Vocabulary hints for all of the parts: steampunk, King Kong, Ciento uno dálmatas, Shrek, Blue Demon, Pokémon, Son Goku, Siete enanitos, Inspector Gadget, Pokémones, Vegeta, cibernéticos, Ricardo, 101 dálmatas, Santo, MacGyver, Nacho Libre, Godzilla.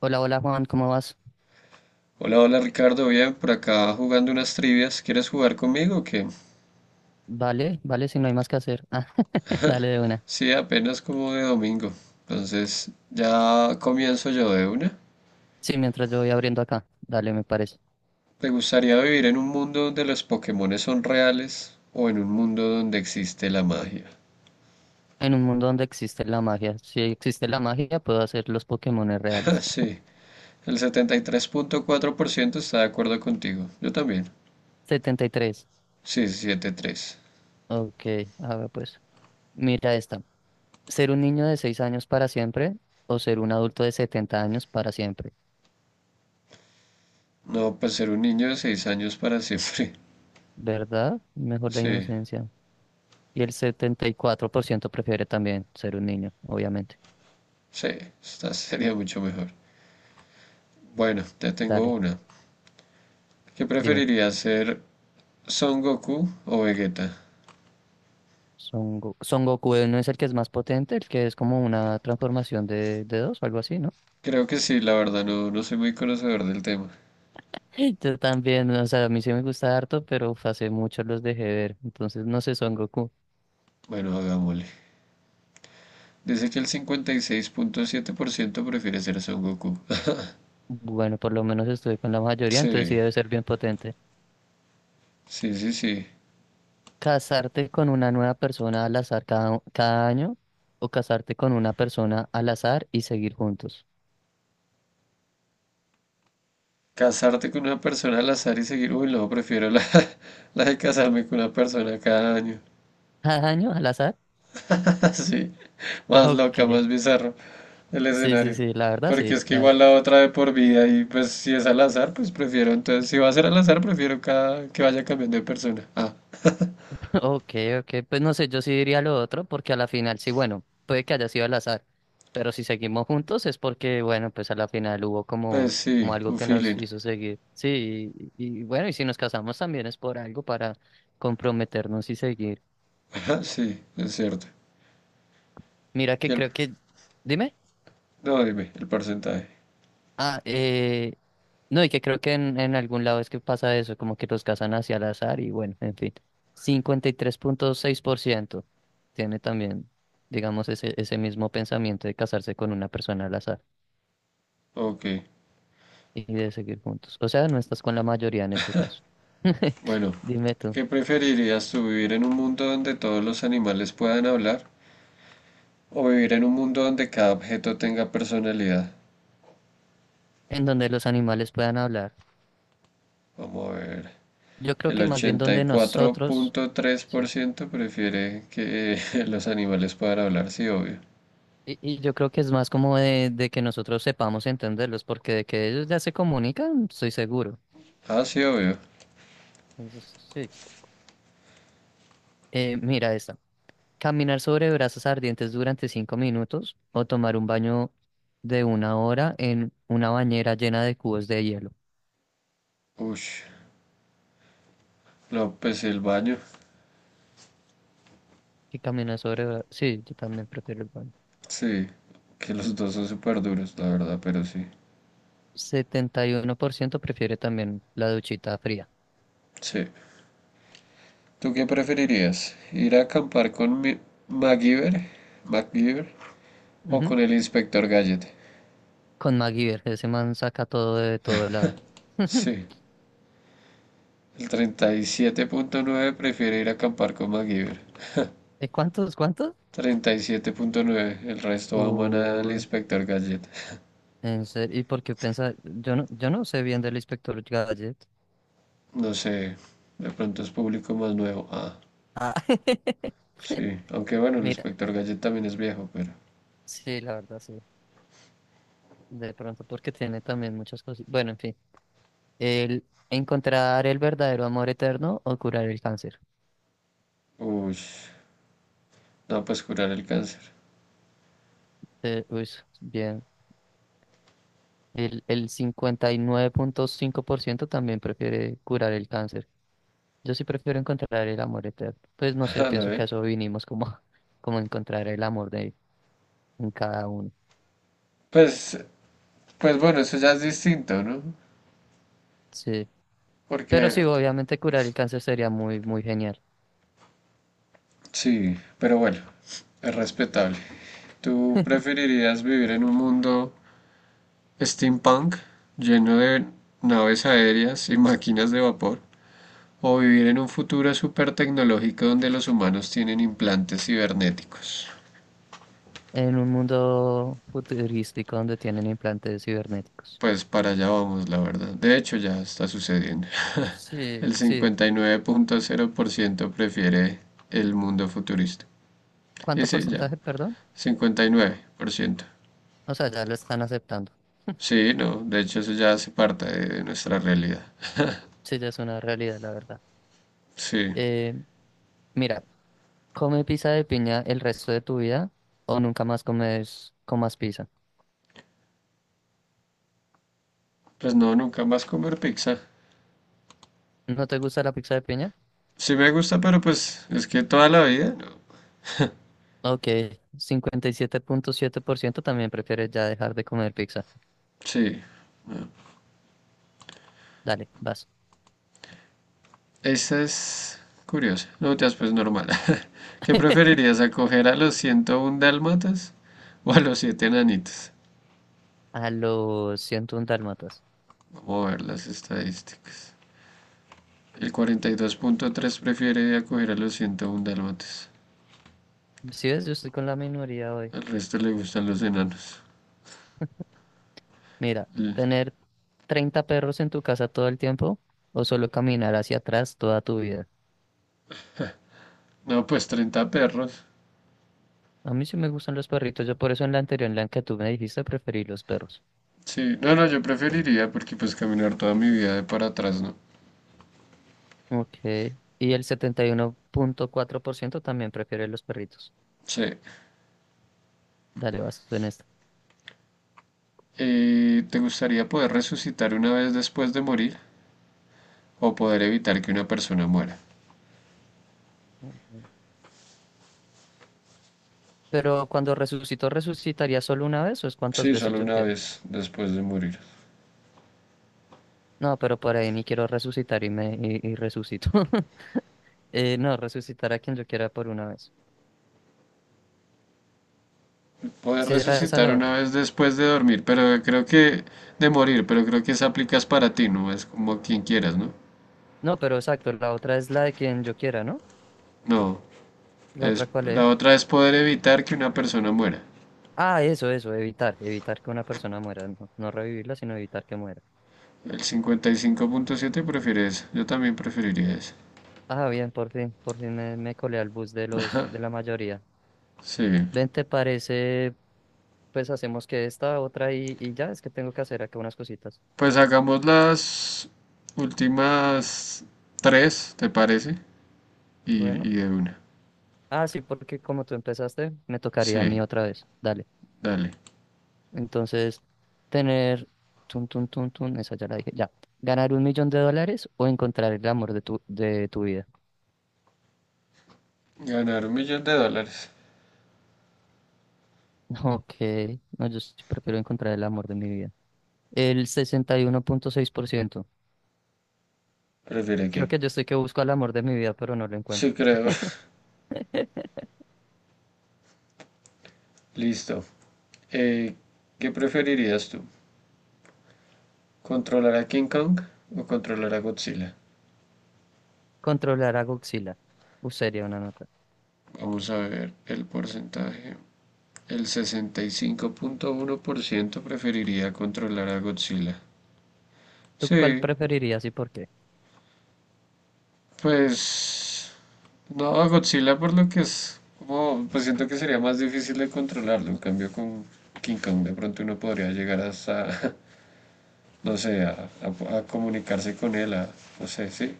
Hola, hola Juan, ¿cómo vas? Hola, hola Ricardo, bien, por acá jugando unas trivias. ¿Quieres jugar conmigo o qué? Vale, vale, si no hay más que hacer. Dale de una. Sí, apenas como de domingo. Entonces, ya comienzo yo de una. Sí, mientras yo voy abriendo acá, dale, me parece. ¿Te gustaría vivir en un mundo donde los Pokémones son reales o en un mundo donde existe la magia? En un mundo donde existe la magia. Si existe la magia, puedo hacer los Pokémones reales. Sí, el 73.4% está de acuerdo contigo. Yo también. 73. Sí, 73. Ok, a ver pues. Mira esta. ¿Ser un niño de 6 años para siempre o ser un adulto de setenta años para siempre? No, pues ser un niño de 6 años para siempre. ¿Verdad? Mejor la Sí, inocencia. Y el 74% prefiere también ser un niño, obviamente. sí, esta sería mucho mejor. Bueno, te tengo Dale, una. ¿Qué dime. preferiría ser Son Goku o Vegeta? Son, Son Goku, no es el que es más potente, el que es como una transformación de dos o algo así, ¿no? Creo que sí, la verdad no, no soy muy conocedor del tema. Yo también, o sea, a mí sí me gusta harto, pero uf, hace mucho los dejé ver. Entonces, no sé, Son Goku. Bueno, hagámosle. Dice que el 56.7% prefiere ser Son Goku. Bueno, por lo menos estuve con la mayoría, entonces sí Sí, debe ser bien potente. sí, sí, sí. Casarte con una nueva persona al azar cada año o casarte con una persona al azar y seguir juntos. Casarte con una persona al azar y seguir... Uy, no, prefiero la, la de casarme con una persona cada año. ¿Cada año al azar? Sí, más loca, más Ok. bizarro el Sí, sí, escenario. sí, la verdad Porque sí. es que La igual la otra de por vida y pues si es al azar, pues prefiero. Entonces, si va a ser al azar, prefiero cada, que vaya cambiando de persona. Ah, ok, ok, pues no sé, yo sí diría lo otro, porque a la final sí, bueno, puede que haya sido al azar, pero si seguimos juntos es porque, bueno, pues a la final hubo pues como, como sí, algo un que nos feeling. hizo seguir. Sí, y bueno, y si nos casamos también es por algo para comprometernos y seguir. Ajá, sí, es cierto. Mira Y que el, creo que, dime. no, dime, el porcentaje. Ah, eh, no, y que creo que en algún lado es que pasa eso, como que los casan hacia al azar y bueno, en fin. 53.6% tiene también, digamos, ese mismo pensamiento de casarse con una persona al azar Ok, y de seguir juntos. O sea, no estás con la mayoría en este caso. bueno, Dime tú, ¿qué preferirías tú, vivir en un mundo donde todos los animales puedan hablar o vivir en un mundo donde cada objeto tenga personalidad? en donde los animales puedan hablar. Vamos a ver. Yo creo El que más bien ochenta y donde cuatro nosotros, punto tres por sí. ciento prefiere que los animales puedan hablar, sí, obvio. Y yo creo que es más como de que nosotros sepamos entenderlos, porque de que ellos ya se comunican, estoy seguro. Ah, sí, obvio. Entonces, sí. Mira esta. Caminar sobre brasas ardientes durante cinco minutos o tomar un baño de una hora en una bañera llena de cubos de hielo. Ush, no, pues el baño. Y caminar sobre sí, yo también prefiero el baño. Sí, que los dos son súper duros, la verdad, pero sí. 71% prefiere también la duchita fría. Sí. ¿Tú qué preferirías? ¿Ir a acampar con mi MacGyver? MacGyver o Ujú. con el inspector Gadget? Con MacGyver, ese man saca todo de todo lado. Sí. El 37.9 prefiere ir a acampar con MacGyver. ¿Y cuántos? ¿Cuántos? 37.9. El resto aman al Uy, inspector Gadget. en serio. ¿Y por qué pensa? Yo no sé bien del inspector Gadget. No sé, de pronto es público más nuevo. Ah, Ah. sí. Aunque bueno, el Mira, inspector Gadget también es viejo, pero. sí, la verdad, sí. De pronto porque tiene también muchas cosas. Bueno, en fin. El encontrar el verdadero amor eterno o curar el cáncer. Uy, no, pues curar el cáncer. Eh, uy, bien. El 59.5% también prefiere curar el cáncer. Yo sí prefiero encontrar el amor eterno. Pues no sé, Ah, ¿lo pienso que a ven? eso vinimos como, como encontrar el amor de en cada uno. Pues, pues bueno, eso ya es distinto, ¿no? Sí. Porque. Pero sí, obviamente curar el cáncer sería muy, muy genial. Sí, pero bueno, es respetable. ¿Tú preferirías vivir en un mundo steampunk lleno de naves aéreas y máquinas de vapor? ¿O vivir en un futuro súper tecnológico donde los humanos tienen implantes cibernéticos? En un mundo futurístico donde tienen implantes cibernéticos. Pues para allá vamos, la verdad. De hecho, ya está sucediendo. Sí, El sí, 59.0% prefiere el mundo futurista. Y ¿cuánto sí, ya, porcentaje, perdón? 59%. O sea, ya lo están aceptando. Sí, no, de hecho eso ya hace parte de nuestra realidad. Sí, ya es una realidad, la verdad. Sí, Eh, mira, come pizza de piña el resto de tu vida o nunca más comas pizza. pues no, nunca más comer pizza. ¿No te gusta la pizza de piña? Sí me gusta, pero pues es que toda la vida, no. Ok, 57.7% también prefiere ya dejar de comer pizza. Sí, Dale, vas. esa es curiosa. No te pues normal. ¿Qué preferirías, acoger a los 101 dálmatas o a los 7 enanitos? A los 101 dálmatas. Vamos a ver las estadísticas. El 42.3 prefiere acoger a los 101 dálmatas. Si ves, yo estoy con la minoría hoy. Al resto le gustan los enanos. Mira, tener 30 perros en tu casa todo el tiempo o solo caminar hacia atrás toda tu vida. No, pues 30 perros. A mí sí me gustan los perritos. Yo por eso en la anterior, en la que tú me dijiste, preferí los perros. Sí, no, no, yo preferiría porque pues caminar toda mi vida de para atrás, ¿no? Ok. Y el 71.4% también prefiere los perritos. Sí. Dale, vas tú en esta. ¿Te gustaría poder resucitar una vez después de morir o poder evitar que una persona muera? Ujú. Pero cuando resucito, ¿resucitaría solo una vez o es cuántas Sí, veces solo yo una quiero? vez después de morir. No, pero por ahí ni quiero resucitar y resucito. No, resucitar a quien yo quiera por una vez. Poder Si era esa resucitar la otra. una vez después de dormir, pero creo que de morir, pero creo que esa aplicas para ti, no es como quien quieras, ¿no? No, pero exacto, la otra es la de quien yo quiera, ¿no? No, ¿La es otra cuál la es? otra es poder evitar que una persona muera. Ah, eso, evitar, evitar que una persona muera, no, no revivirla, sino evitar que muera. El 55.7 prefiere eso. Yo también preferiría eso. Ah, bien, por fin me colé al bus de los, de la mayoría. Sí. Ven, ¿te parece? Pues hacemos que esta, otra y ya, es que tengo que hacer acá unas cositas. Pues hagamos las últimas tres, ¿te parece? Bueno. Y de una. Ah, sí, porque como tú empezaste, me tocaría a Sí, mí otra vez. Dale. dale. Entonces, tener, tun, tun, tun, tun, esa ya la dije, ya. ¿Ganar un millón de dólares o encontrar el amor de de tu vida? Ganar 1 millón de dólares. Ok, no, yo sí prefiero encontrar el amor de mi vida. El 61.6%. ¿Prefiere Creo qué? que yo estoy que busco el amor de mi vida, pero no lo Sí, encuentro. creo. Listo. Eh, ¿Qué preferirías tú? ¿Controlar a King Kong o controlar a Godzilla? Controlar a Godzilla. Sería una nota. Vamos a ver el porcentaje. El 65.1% preferiría controlar a Godzilla. ¿Tú cuál Sí, preferirías y por qué? pues no, a Godzilla por lo que es como, pues siento que sería más difícil de controlarlo. En cambio, con King Kong de pronto uno podría llegar hasta, no sé, a comunicarse con él, a, no sé, sí,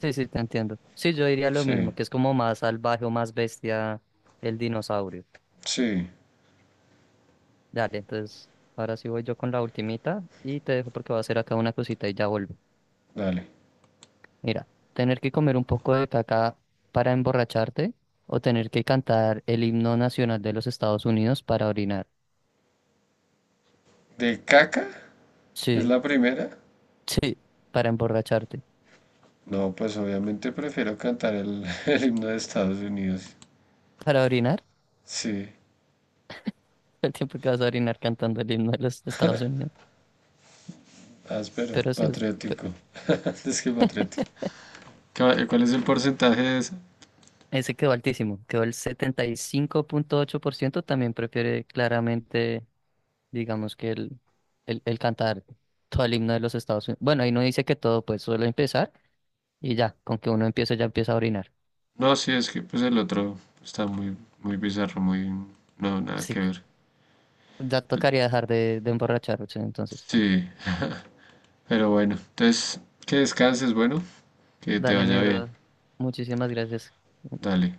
Sí, sí, te entiendo. Sí, yo diría lo mismo, sí, que es como más salvaje o más bestia el dinosaurio. sí, Dale, entonces, ahora sí voy yo con la ultimita y te dejo porque voy a hacer acá una cosita y ya vuelvo. dale. Mira, tener que comer un poco de caca para emborracharte o tener que cantar el himno nacional de los Estados Unidos para orinar. ¿De caca? ¿Es Sí, la primera? sí, para emborracharte. No, pues obviamente prefiero cantar el, el himno de Estados Unidos. ¿Para orinar? Sí, El tiempo que vas a orinar cantando el himno de los Estados Unidos. áspero, Pero sí, patriótico. Es que patriótico. ¿Cuál es el porcentaje de esa? ese quedó altísimo, quedó el 75.8% también prefiere claramente, digamos que el cantar todo el himno de los Estados Unidos. Bueno, ahí no dice que todo, pues solo empezar y ya, con que uno empiece ya empieza a orinar. No, sí, es que pues el otro está muy, muy bizarro, muy... No, nada Sí, que ver. ya tocaría dejar de emborracharse entonces. Sí, pero bueno, entonces que descanses, bueno, que te Dale, mi vaya bien. bro, muchísimas gracias. Dale.